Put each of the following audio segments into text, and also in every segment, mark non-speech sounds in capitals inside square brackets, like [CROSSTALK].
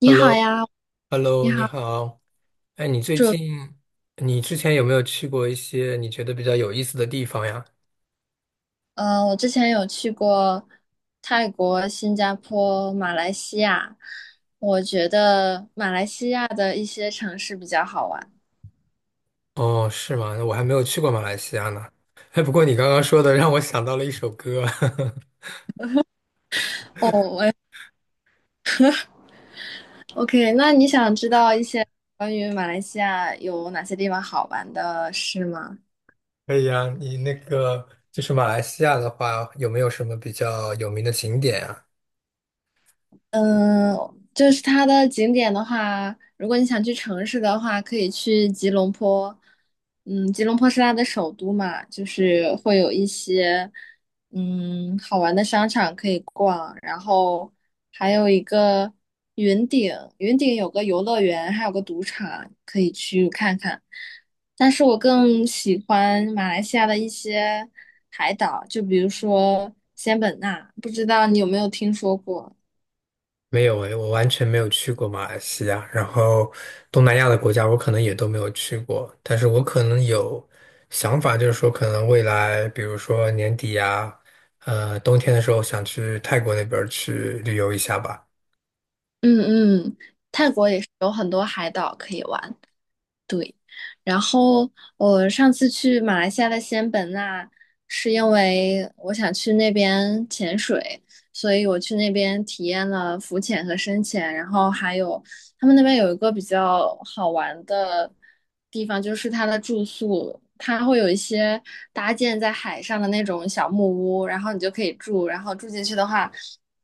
你好呀，Hello，Hello，你你好，好。哎，你最祝近，你之前有没有去过一些你觉得比较有意思的地方呀？我之前有去过泰国、新加坡、马来西亚，我觉得马来西亚的一些城市比较好玩。哦，是吗？我还没有去过马来西亚呢。哎，不过你刚刚说的让我想到了一首歌。[LAUGHS] 哦，OK，那你想知道一些关于马来西亚有哪些地方好玩的事吗？可以啊，你那个就是马来西亚的话，有没有什么比较有名的景点啊？嗯，就是它的景点的话，如果你想去城市的话，可以去吉隆坡。吉隆坡是它的首都嘛，就是会有一些好玩的商场可以逛，然后还有一个云顶，云顶有个游乐园，还有个赌场可以去看看。但是我更喜欢马来西亚的一些海岛，就比如说仙本那，不知道你有没有听说过？没有诶，我完全没有去过马来西亚，然后东南亚的国家我可能也都没有去过，但是我可能有想法，就是说可能未来，比如说年底呀，冬天的时候想去泰国那边儿去旅游一下吧。嗯嗯，泰国也是有很多海岛可以玩。然后我上次去马来西亚的仙本那，是因为我想去那边潜水，所以我去那边体验了浮潜和深潜。然后还有他们那边有一个比较好玩的地方，就是它的住宿，它会有一些搭建在海上的那种小木屋，然后你就可以住，然后住进去的话，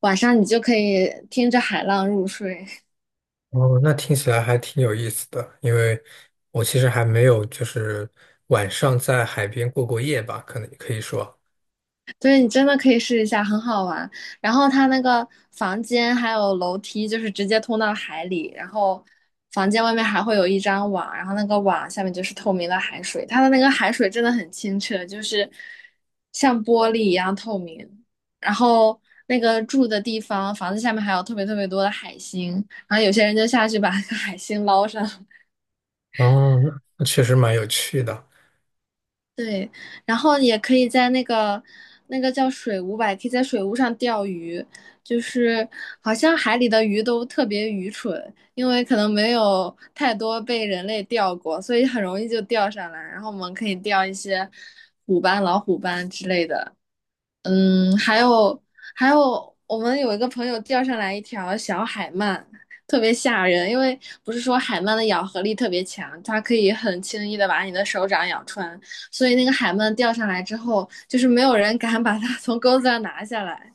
晚上你就可以听着海浪入睡。哦，那听起来还挺有意思的，因为我其实还没有就是晚上在海边过过夜吧，可能可以说。对，你真的可以试一下，很好玩。然后它那个房间还有楼梯，就是直接通到海里。然后房间外面还会有一张网，然后那个网下面就是透明的海水，它的那个海水真的很清澈，就是像玻璃一样透明。然后那个住的地方，房子下面还有特别特别多的海星，然后有些人就下去把那个海星捞上。哦，那确实蛮有趣的。对，然后也可以在那个叫水屋吧，也可以在水屋上钓鱼。就是好像海里的鱼都特别愚蠢，因为可能没有太多被人类钓过，所以很容易就钓上来。然后我们可以钓一些虎斑、老虎斑之类的。嗯，还有，我们有一个朋友钓上来一条小海鳗，特别吓人，因为不是说海鳗的咬合力特别强，它可以很轻易的把你的手掌咬穿，所以那个海鳗钓上来之后，就是没有人敢把它 [LAUGHS] 从钩子上拿下来。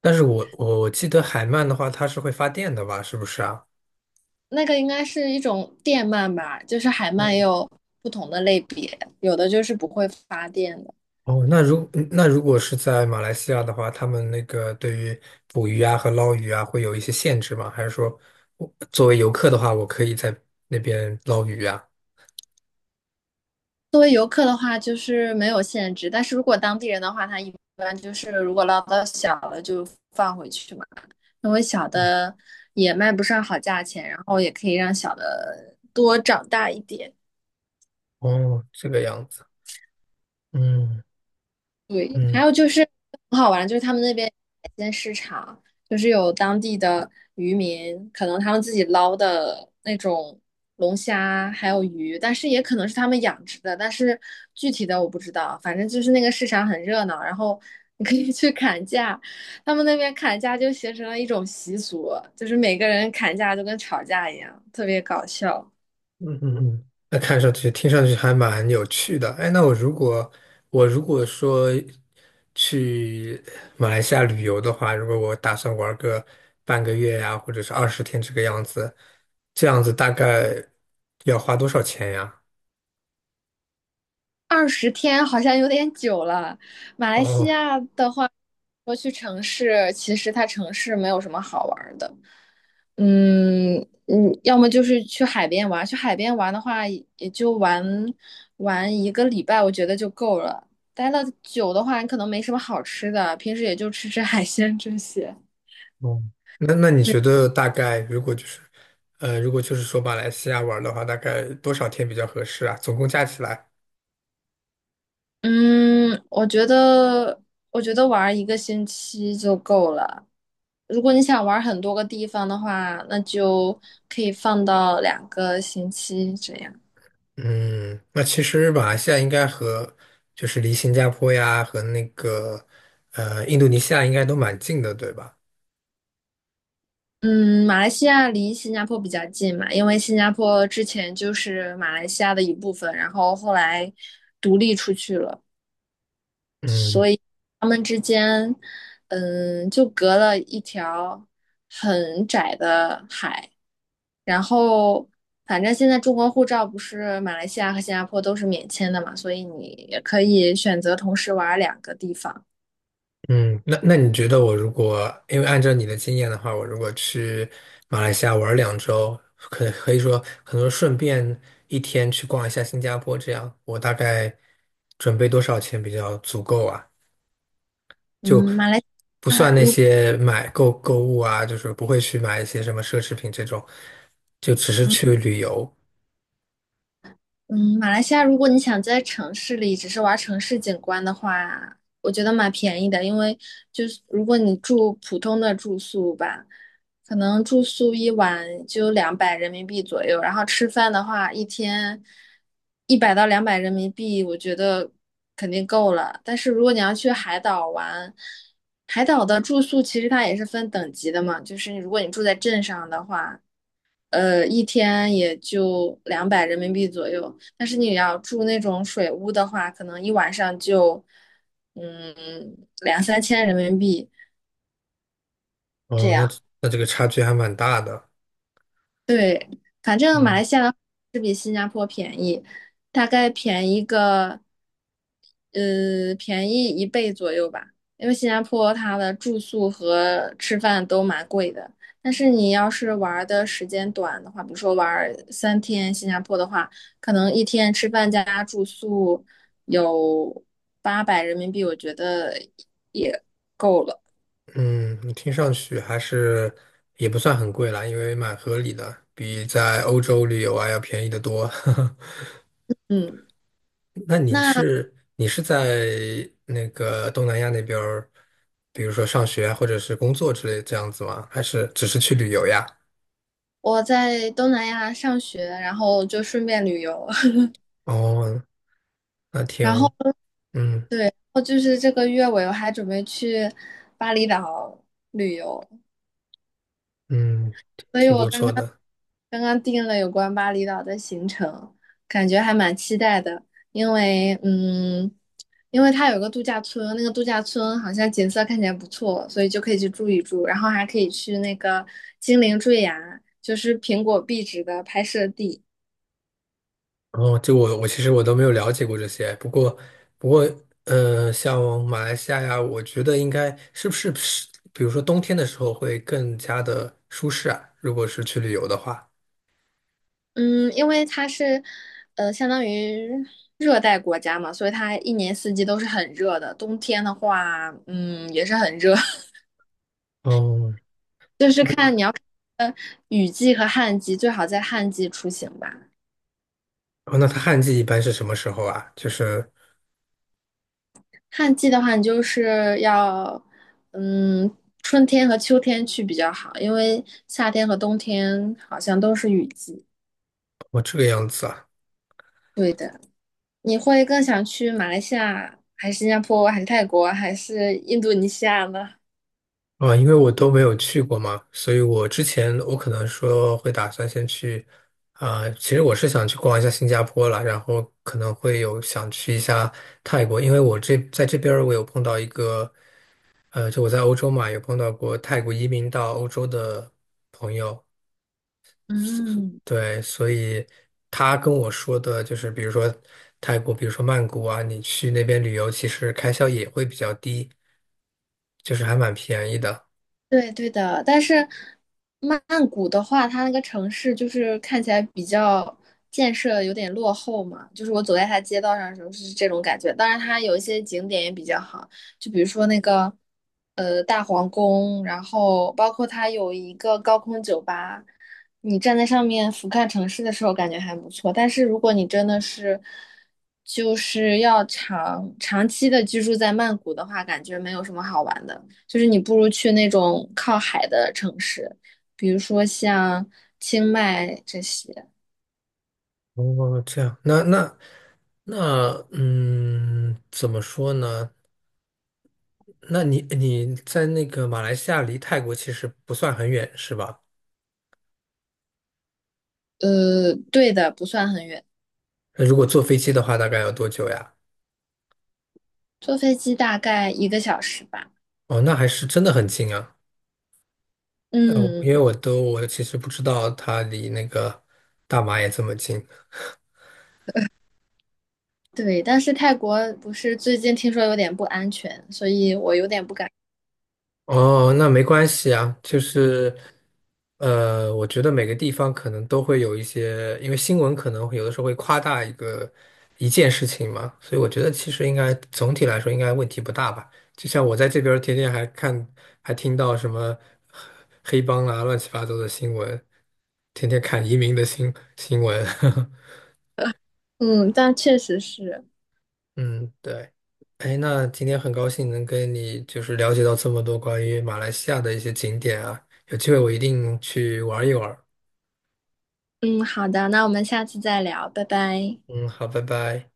但是我记得海鳗的话，它是会发电的吧？是不是啊？那个应该是一种电鳗吧，就是海鳗也有不同的类别，有的就是不会发电的。哦，那如果是在马来西亚的话，他们那个对于捕鱼啊和捞鱼啊会有一些限制吗？还是说我作为游客的话，我可以在那边捞鱼啊？作为游客的话，就是没有限制，但是如果当地人的话，他一般就是如果捞到小的就放回去嘛，因为小的也卖不上好价钱，然后也可以让小的多长大一点。哦，这个样子。嗯对，还嗯。有就是很好玩，就是他们那边海鲜市场，就是有当地的渔民，可能他们自己捞的那种龙虾还有鱼，但是也可能是他们养殖的，但是具体的我不知道。反正就是那个市场很热闹，然后你可以去砍价，他们那边砍价就形成了一种习俗，就是每个人砍价就跟吵架一样，特别搞笑。嗯嗯嗯，那看上去、听上去还蛮有趣的。哎，那我如果说去马来西亚旅游的话，如果我打算玩个半个月呀，或者是20天这个样子，这样子大概要花多少钱呀？20天好像有点久了。马来西哦，亚的话，说去城市，其实它城市没有什么好玩儿的。嗯要么就是去海边玩，去海边玩的话，也就玩一个礼拜，我觉得就够了。待的久的话，你可能没什么好吃的，平时也就吃吃海鲜这些。哦。那你对，觉得大概如果就是如果就是说马来西亚玩的话，大概多少天比较合适啊？总共加起来？嗯，我觉得我觉得玩一个星期就够了。如果你想玩很多个地方的话，那就可以放到2个星期这样。嗯，那其实马来西亚应该和就是离新加坡呀和那个印度尼西亚应该都蛮近的，对吧？嗯，马来西亚离新加坡比较近嘛，因为新加坡之前就是马来西亚的一部分，然后后来独立出去了。嗯所以他们之间，就隔了一条很窄的海。然后，反正现在中国护照不是马来西亚和新加坡都是免签的嘛，所以你也可以选择同时玩两个地方。嗯，那你觉得我如果因为按照你的经验的话，我如果去马来西亚玩儿两周，可以说可能顺便一天去逛一下新加坡，这样我大概准备多少钱比较足够啊？就嗯，马来不啊，亚算那如些购物啊，就是不会去买一些什么奢侈品这种，就只是去旅游。嗯，马来西亚如果你想在城市里只是玩城市景观的话，我觉得蛮便宜的，因为就是如果你住普通的住宿吧，可能住宿一晚就两百人民币左右，然后吃饭的话一天100到200人民币，我觉得肯定够了。但是如果你要去海岛玩，海岛的住宿其实它也是分等级的嘛，就是如果你住在镇上的话。一天也就两百人民币左右。但是你要住那种水屋的话，可能一晚上就，嗯，两三千人民币这哦，那样。那这个差距还蛮大的。对，反正马来嗯西亚的大概便宜个，便宜一倍左右吧。因为新加坡它的住宿和吃饭都蛮贵的，但是你要是玩的时间短的话，比如说玩3天新加坡的话，可能一天吃饭加住宿有800人民币，我觉得也够了。嗯，你听上去还是也不算很贵啦，因为蛮合理的，比在欧洲旅游啊要便宜得多。[LAUGHS] 嗯，那你那是你是在那个东南亚那边儿，比如说上学啊或者是工作之类这样子吗？还是只是去旅游呀？我在东南亚上学，然后就顺便旅游，哦，那 [LAUGHS] 然挺，后。嗯。对，然后就是这个月尾我还准备去巴厘岛旅游，嗯，所以挺我不刚错刚的。刚刚定了有关巴厘岛的行程，感觉还蛮期待的。因为嗯，因为它有个度假村，那个度假村好像景色看起来不错，所以就可以去住一住，然后还可以去那个精灵坠崖，就是苹果壁纸的拍摄地。哦，就我其实我都没有了解过这些，不过不过，像马来西亚呀，我觉得应该是不是，比如说冬天的时候会更加的舒适啊，如果是去旅游的话。嗯，因为它是，相当于热带国家嘛，所以它一年四季都是很热的。冬天的话，嗯，也是很热，哦，[LAUGHS] 就是看你要看呃雨季和旱季，最好在旱季出行吧。哦，那它旱季一般是什么时候啊？就是旱季的话，你就是要，嗯，春天和秋天去比较好，因为夏天和冬天好像都是雨季。哦这个样子啊。对的，你会更想去马来西亚，还是新加坡，还是泰国，还是印度尼西亚呢？啊，因为我都没有去过嘛，所以我之前我可能说会打算先去，啊、其实我是想去逛一下新加坡啦，然后可能会有想去一下泰国，因为我这在这边儿我有碰到一个，就我在欧洲嘛，有碰到过泰国移民到欧洲的朋友，嗯。对，所以他跟我说的就是，比如说泰国，比如说曼谷啊，你去那边旅游，其实开销也会比较低，就是还蛮便宜的。对对的，但是曼谷的话，它那个城市就是看起来比较建设有点落后嘛，就是我走在它街道上的时候是这种感觉。当然，它有一些景点也比较好，就比如说那个大皇宫，然后包括它有一个高空酒吧，你站在上面俯瞰城市的时候，感觉还不错。但是如果你真的是就是要长期的居住在曼谷的话，感觉没有什么好玩的。就是你不如去那种靠海的城市，比如说像清迈这些。哦，这样，那那，嗯，怎么说呢？那你在那个马来西亚离泰国其实不算很远，是吧？对的，不算很远，那如果坐飞机的话，大概要多久呀？坐飞机大概一个小时吧。哦，那还是真的很近啊。我因为嗯，我其实不知道它离那个大马也这么近。对。但是泰国不是最近听说有点不安全，所以我有点不敢。哦，那没关系啊，就是，我觉得每个地方可能都会有一些，因为新闻可能会有的时候会夸大一件事情嘛，所以我觉得其实应该总体来说应该问题不大吧。就像我在这边儿天天还看，还听到什么黑帮啊、乱七八糟的新闻，天天看移民的新闻。[LAUGHS] 嗯，但确实是。嗯，对。哎，那今天很高兴能跟你就是了解到这么多关于马来西亚的一些景点啊，有机会我一定去玩一玩。嗯，好的，那我们下次再聊，拜拜。嗯，好，拜拜。